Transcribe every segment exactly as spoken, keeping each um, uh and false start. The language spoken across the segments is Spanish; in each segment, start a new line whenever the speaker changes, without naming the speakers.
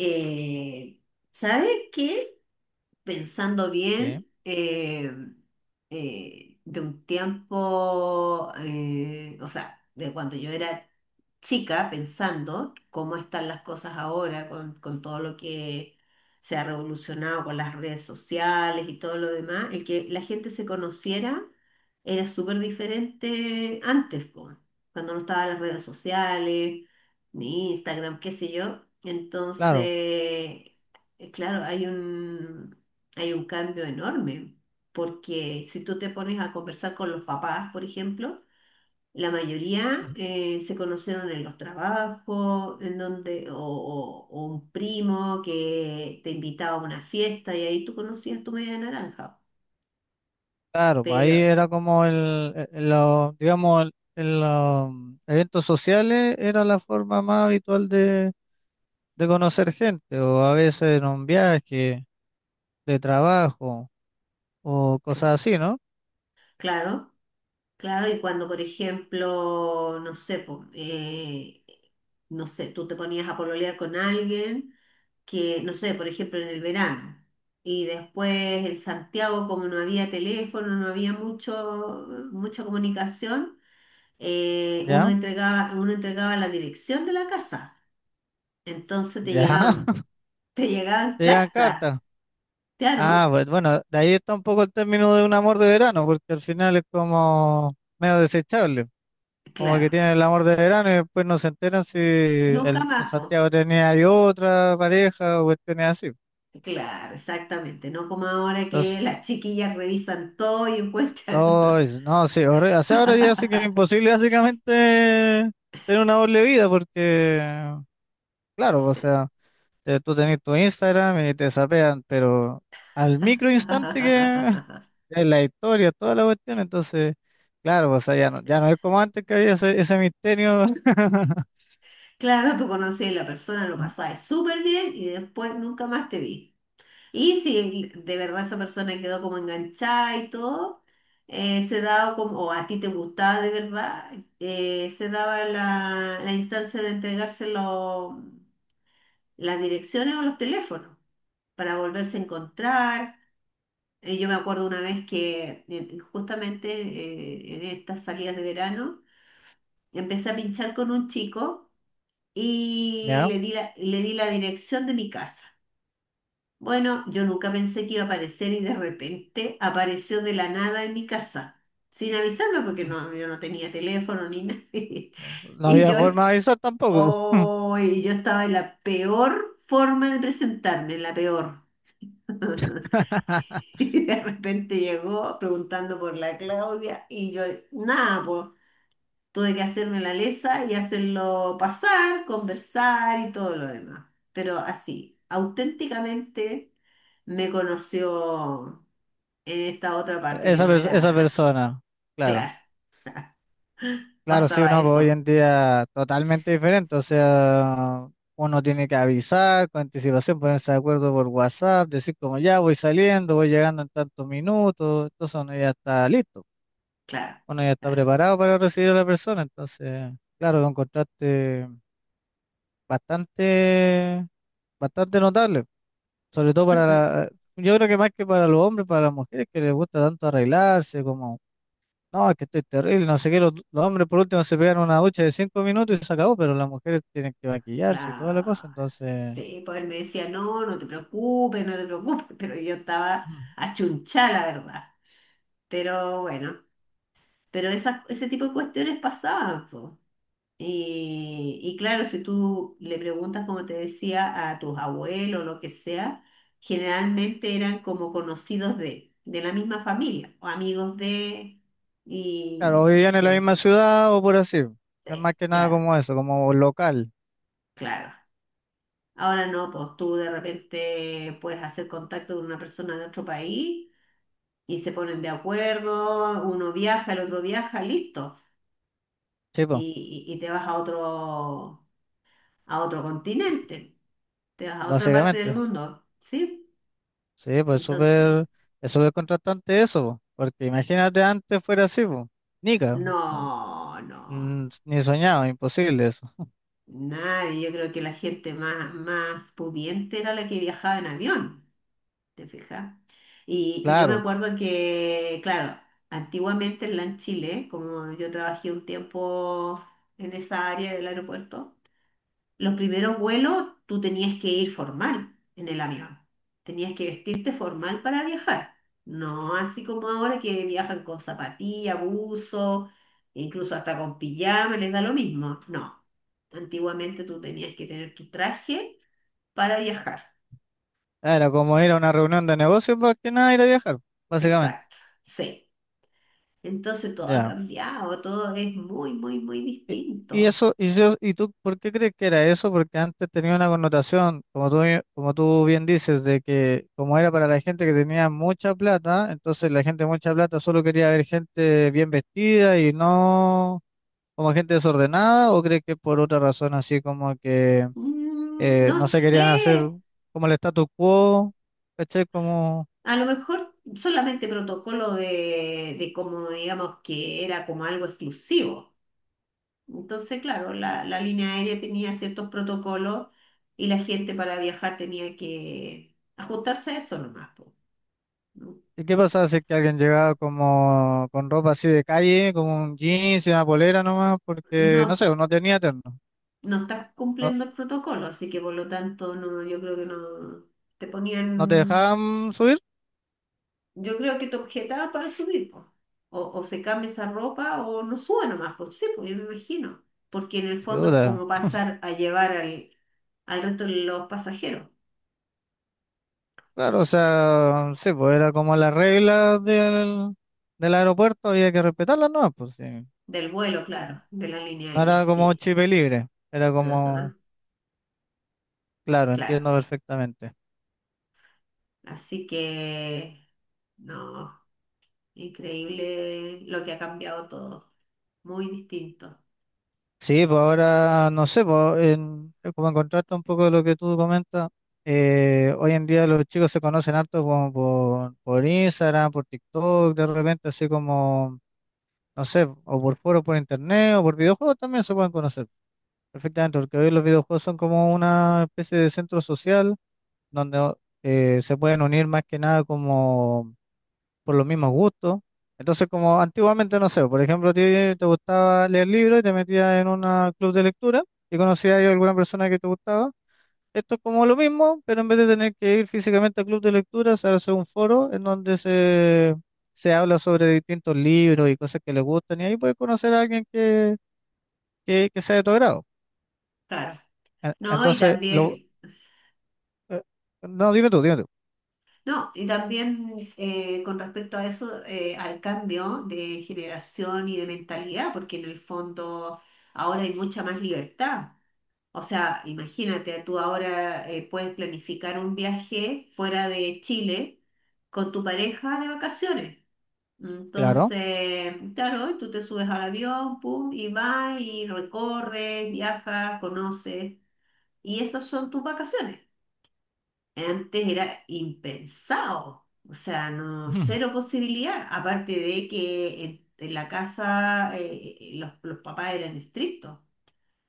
Eh, ¿Sabes qué? Pensando
Sí.
bien, eh, eh, de un tiempo, eh, o sea, de cuando yo era chica pensando cómo están las cosas ahora con, con todo lo que se ha revolucionado con las redes sociales y todo lo demás, el que la gente se conociera era súper diferente antes, po, cuando no estaban las redes sociales, ni Instagram, qué sé yo.
Claro.
Entonces, eh, claro, hay un, hay un cambio enorme, porque si tú te pones a conversar con los papás, por ejemplo, la mayoría
Ujú.
eh, se conocieron en los trabajos, en donde, o, o- o un primo que te invitaba a una fiesta y ahí tú conocías tu media naranja.
Claro, pues ahí
Pero
era como el, el- el- los, digamos, el- el, los eventos sociales era la forma más habitual de, de conocer gente, o a veces en un viaje de trabajo, o cosas
claro,
así, ¿no?
claro, claro, y cuando, por ejemplo, no sé, po, eh, no sé, tú te ponías a pololear con alguien que, no sé, por ejemplo, en el verano. Y después en Santiago, como no había teléfono, no había mucho, mucha comunicación, eh, uno
Ya,
entregaba, uno entregaba la dirección de la casa. Entonces te
ya,
llegaban, te llegaban
te llegan
cartas.
cartas. Ah,
Claro,
pues bueno, de ahí está un poco el término de un amor de verano, porque al final es como medio desechable. Como que
claro.
tienen el amor de verano y después no se enteran si
Nunca
el, en
más, po.
Santiago tenía ahí otra pareja o cuestiones así.
Claro, exactamente. No como ahora
Entonces,
que las chiquillas revisan todo y
no,
encuentran.
es- no, sí, horri- o sea, ahora ya sí que es imposible básicamente tener una doble vida porque, claro, o
Sí.
sea, te- tú tenés tu Instagram y te sapean, pero al micro instante que es la historia, toda la cuestión, entonces, claro, o sea, ya no, ya no es como antes que había ese, ese misterio.
Claro, tú conocías a la persona, lo
Mm.
pasabas súper bien y después nunca más te vi. Y si de verdad esa persona quedó como enganchada y todo, eh, se daba como, o a ti te gustaba de verdad, eh, se daba la, la instancia de entregarse lo- las direcciones o los teléfonos para volverse a encontrar. Eh, yo me acuerdo una vez que eh, justamente eh, en estas salidas de verano empecé a pinchar con un chico y
¿Ya?
le di la- le di la dirección de mi casa. Bueno, yo nunca pensé que iba a aparecer y de repente apareció de la nada en mi casa, sin avisarme porque no, yo no tenía teléfono ni nada.
No, no
Y
había
yo, est-
forma de avisar tampoco.
oh, y yo estaba en la peor forma de presentarme, en la peor. Y de repente llegó preguntando por la Claudia y yo, nada, pues tuve que hacerme la lesa y hacerlo pasar, conversar y todo lo demás. Pero así, auténticamente me conoció en esta otra parte que
Esa,
no
pers- esa
era,
persona, claro.
claro,
Claro, sí,
pasaba
uno hoy
eso,
en día totalmente diferente. O sea, uno tiene que avisar con anticipación, ponerse de acuerdo por WhatsApp, decir como ya voy saliendo, voy llegando en tantos minutos. Entonces uno ya está listo,
claro,
uno ya está
claro,
preparado para recibir a la persona. Entonces, claro, lo encontraste bastante, bastante notable. Sobre todo para la- Yo creo que más que para los hombres, para las mujeres que les gusta tanto arreglarse, como, no, es que estoy terrible, no sé qué, los, los hombres por último se pegan una ducha de cinco minutos y se acabó, pero las mujeres tienen que maquillarse y toda la
claro.
cosa, entonces,
Sí, pues él me decía, no, no te preocupes, no te preocupes, pero yo estaba
mm,
achunchada, la verdad. Pero bueno, pero esas- ese tipo de cuestiones pasaban, po. Y, y claro, si tú le preguntas, como te decía, a tus abuelos, o lo que sea, generalmente eran como conocidos de, de la misma familia, o amigos de,
claro, o
y, y
vivían en la
así.
misma ciudad o por así, es más
Sí,
que nada
claro,
como eso, como local.
claro. Ahora no, pues tú de repente puedes hacer contacto con una persona de otro país y se ponen de acuerdo, uno viaja, el otro viaja, listo.
Sí, po,
Y, y- y te vas a otro, a otro continente, te vas a otra parte del
básicamente,
mundo, ¿sí?
sí, pues
Entonces,
súper, es súper contrastante eso, po, porque imagínate antes fuera así, pues, nica, no,
no, no.
mm, ni soñado, imposible eso,
Nadie, yo creo que la gente más, más pudiente era la que viajaba en avión. ¿Te fijas? Y, y yo me
claro.
acuerdo que, claro, antiguamente en LAN Chile, como yo trabajé un tiempo en esa área del aeropuerto, los primeros vuelos tú tenías que ir formal en el avión. Tenías que vestirte formal para viajar. No así como ahora que viajan con zapatilla, buzo, incluso hasta con pijama, les da lo mismo. No. Antiguamente tú tenías que tener tu traje para viajar.
Ah, era como ir a una reunión de negocios más que nada ir a viajar, básicamente.
Exacto. Sí. Entonces todo ha
Ya.
cambiado, todo es muy, muy, muy
Y, y
distinto.
eso, y yo, ¿y tú por qué crees que era eso? Porque antes tenía una connotación, como tú, bien- como tú bien dices, de que como era para la gente que tenía mucha plata, entonces la gente de mucha plata solo quería ver gente bien vestida y no como gente desordenada, ¿o crees que por otra razón así como que
Mm,
eh,
no
no se querían hacer
sé,
como el status quo? ¿Cachai? Como
a lo mejor solamente protocolo de, de como digamos que era como algo exclusivo. Entonces, claro, la, la línea aérea tenía ciertos protocolos y la gente para viajar tenía que ajustarse a eso nomás, po.
¿Y qué pasaba si es que alguien llegaba como con ropa así de calle, como un jeans y una polera nomás? Porque, no
No,
sé, no tenía terno.
no estás
¿No,
cumpliendo el protocolo, así que por lo tanto no, yo creo que no te
no te
ponían,
dejaban subir?
yo creo que te objetaba para subir, pues. O, o se cambia esa ropa o no sube nomás, pues sí, pues yo me imagino. Porque en el fondo es
Chuta.
como pasar a llevar al, al resto de los pasajeros
Claro, o sea, sí, pues era como las reglas del, del aeropuerto, había que respetarlas nomás, pues sí.
del vuelo, claro, de la línea
No
aérea,
era como
sí.
chip libre, era como,
Ajá,
claro,
claro.
entiendo perfectamente.
Así que, no, increíble lo que ha cambiado todo. Muy distinto,
Sí, pues ahora no sé, pues en- eh, como en contraste un poco de lo que tú comentas, eh, hoy en día los chicos se conocen harto como por, por Instagram, por TikTok, de repente así como, no sé, o por foros por internet o por videojuegos también se pueden conocer perfectamente, porque hoy los videojuegos son como una especie de centro social donde eh, se pueden unir más que nada por los mismos gustos. Entonces, como antiguamente, no sé, por ejemplo, a ti te gustaba leer libros y te metías en un club de lectura y conocías a alguna persona que te gustaba. Esto es como lo mismo, pero en vez de tener que ir físicamente al club de lectura, se hace un foro en donde se, se habla sobre distintos libros y cosas que les gustan y ahí puedes conocer a alguien que, que, que sea de tu agrado.
claro.
E-
No, y
Entonces, lo,
también.
eh, no, dime tú, dime tú.
No, y también eh, con respecto a eso, eh, al cambio de generación y de mentalidad, porque en el fondo ahora hay mucha más libertad. O sea, imagínate, tú ahora eh, puedes planificar un viaje fuera de Chile con tu pareja de vacaciones.
Claro.
Entonces, claro, tú te subes al avión, pum, y vas y recorres, viajas, conoces, y esas son tus vacaciones. Antes era impensado, o sea, no,
Ujú.
cero posibilidad, aparte de que en, en la casa eh, eh, los, los papás eran estrictos.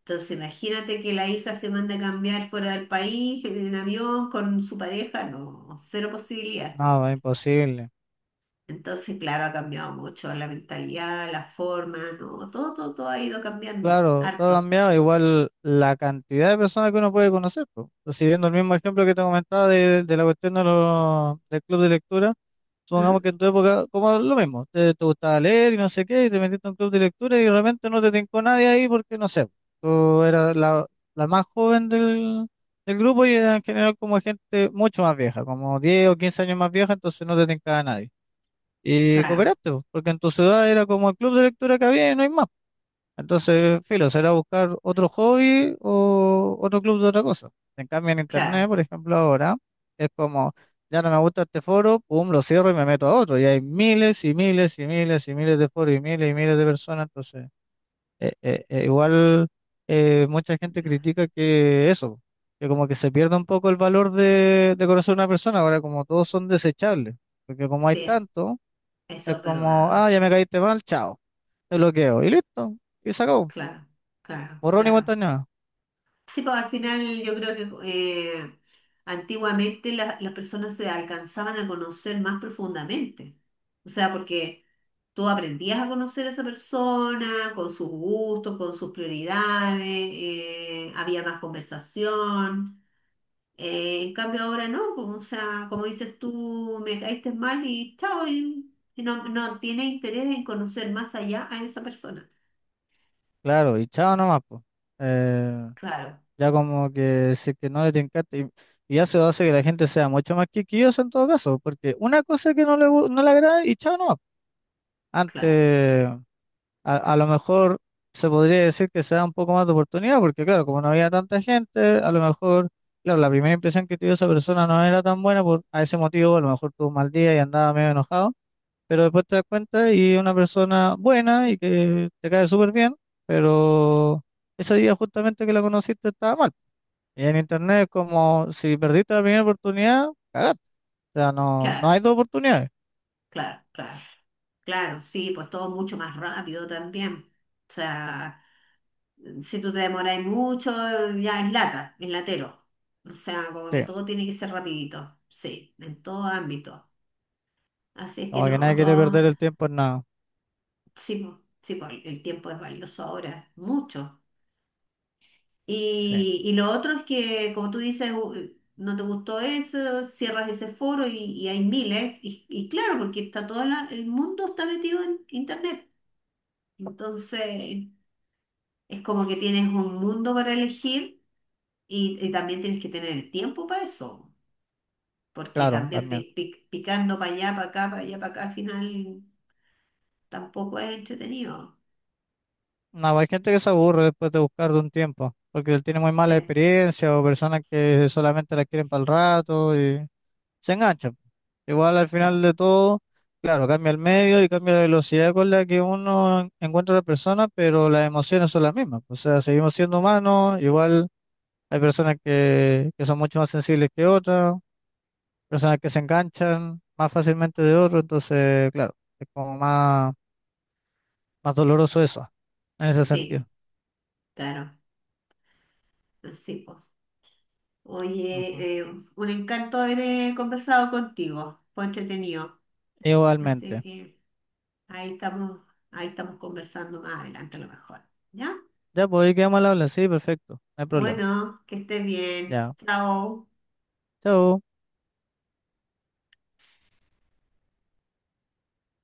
Entonces, imagínate que la hija se manda a cambiar fuera del país, en avión, con su pareja, no, cero posibilidad.
No, es imposible.
Entonces, claro, ha cambiado mucho la mentalidad, la forma, no, todo, todo, todo ha ido cambiando,
Claro, todo ha
harto.
cambiado. Igual la cantidad de personas que uno puede conocer, po, pues. Siguiendo el mismo ejemplo que te comentaba de, de la cuestión de los- del club de lectura, supongamos
¿Mm?
que en tu época, como lo mismo, te, te gustaba leer y no sé qué, y te metiste en un club de lectura y de repente no te tincó nadie ahí porque no sé, tú eras la, la más joven del, del grupo y era en general como gente mucho más vieja, como diez o quince años más vieja, entonces no te tincaba nadie. Y
Claro,
cooperaste, pues, porque en tu ciudad era como el club de lectura que había y no hay más. Entonces, filo, será buscar otro hobby o otro club de otra cosa. En cambio, en internet,
claro,
por ejemplo, ahora es como, ya no me gusta este foro, pum, lo cierro y me meto a otro. Y hay miles y miles y miles y miles de foros y miles y miles de personas. Entonces, eh, eh, eh, igual eh, mucha gente critica que eso, que como que se pierde un poco el valor de, de conocer a una persona. Ahora, como todos son desechables, porque como hay
sí,
tanto, es
eso es
como, ah,
verdad,
ya me caíste mal, chao, te bloqueo y listo, y se acabó.
claro, claro,
Borrón y cuenta
claro.
nueva,
Sí, pues al final yo creo que eh, antiguamente la- las personas se alcanzaban a conocer más profundamente. O sea, porque tú aprendías a conocer a esa persona con sus gustos, con sus prioridades, eh, había más conversación. Eh, en cambio ahora no, como o sea, como dices tú, me caíste mal y chao, y, y no, no tienes interés en conocer más allá a esa persona.
claro, y chao nomás, pues. Eh,
Claro,
ya como que si es que no le tincaste, y, y eso hace que la gente sea mucho más quisquillosa en todo caso, porque una cosa que no le, gu- no le agrada y chao nomás.
claro,
Antes, a, a lo mejor se podría decir que se da un poco más de oportunidad, porque claro, como no había tanta gente, a lo mejor, claro, la primera impresión que tuvo esa persona no era tan buena por a ese motivo, a lo mejor tuvo un mal día y andaba medio enojado, pero después te das cuenta y es una persona buena y que te cae súper bien, pero ese día justamente que la conociste estaba mal. Y en internet es como si perdiste la primera oportunidad, cagaste. O sea, no, no hay
claro.
dos oportunidades.
Claro, claro, claro, sí, pues todo mucho más rápido también. O sea, si tú te demoráis mucho, ya es lata, es latero. O sea, como que
Sí,
todo tiene que ser rapidito, sí, en todo ámbito. Así es que
como que
no,
nadie quiere
todo,
perder el tiempo en nada.
sí, po, sí, po, el tiempo es valioso ahora, mucho.
Sí,
Y, y lo otro es que, como tú dices, u- no te gustó eso, cierras ese foro y, y hay miles. Y, y claro, porque está todo la- el mundo está metido en Internet. Entonces... Es como que tienes un mundo para elegir y, y también tienes que tener el tiempo para eso, porque
claro,
también
también.
pi- pi- picando para allá, para acá, para allá, para acá, al final tampoco es entretenido.
No, hay gente que se aburre después de buscar de un tiempo, porque él tiene muy mala
Sí,
experiencia o personas que solamente la quieren para el rato y... se engancha. Igual al final
claro.
de todo, claro, cambia el medio y cambia la velocidad con la que uno en- encuentra a la persona, pero las emociones son las mismas. O sea, seguimos siendo humanos, igual hay personas que, que son mucho más sensibles que otras, personas que se enganchan más fácilmente de otros, entonces, claro, es como más, más doloroso eso, en ese sentido.
Sí, claro. Sí, pues.
Ujú.
Oye, eh, un encanto haber eh, conversado contigo, fue entretenido. Así
Igualmente.
que ahí estamos, ahí estamos conversando más adelante a lo mejor. ¿Ya?
Ya, pues ahí quedamos al habla, sí, perfecto, no hay problema.
Bueno, que estés bien.
Ya,
Chao.
chao.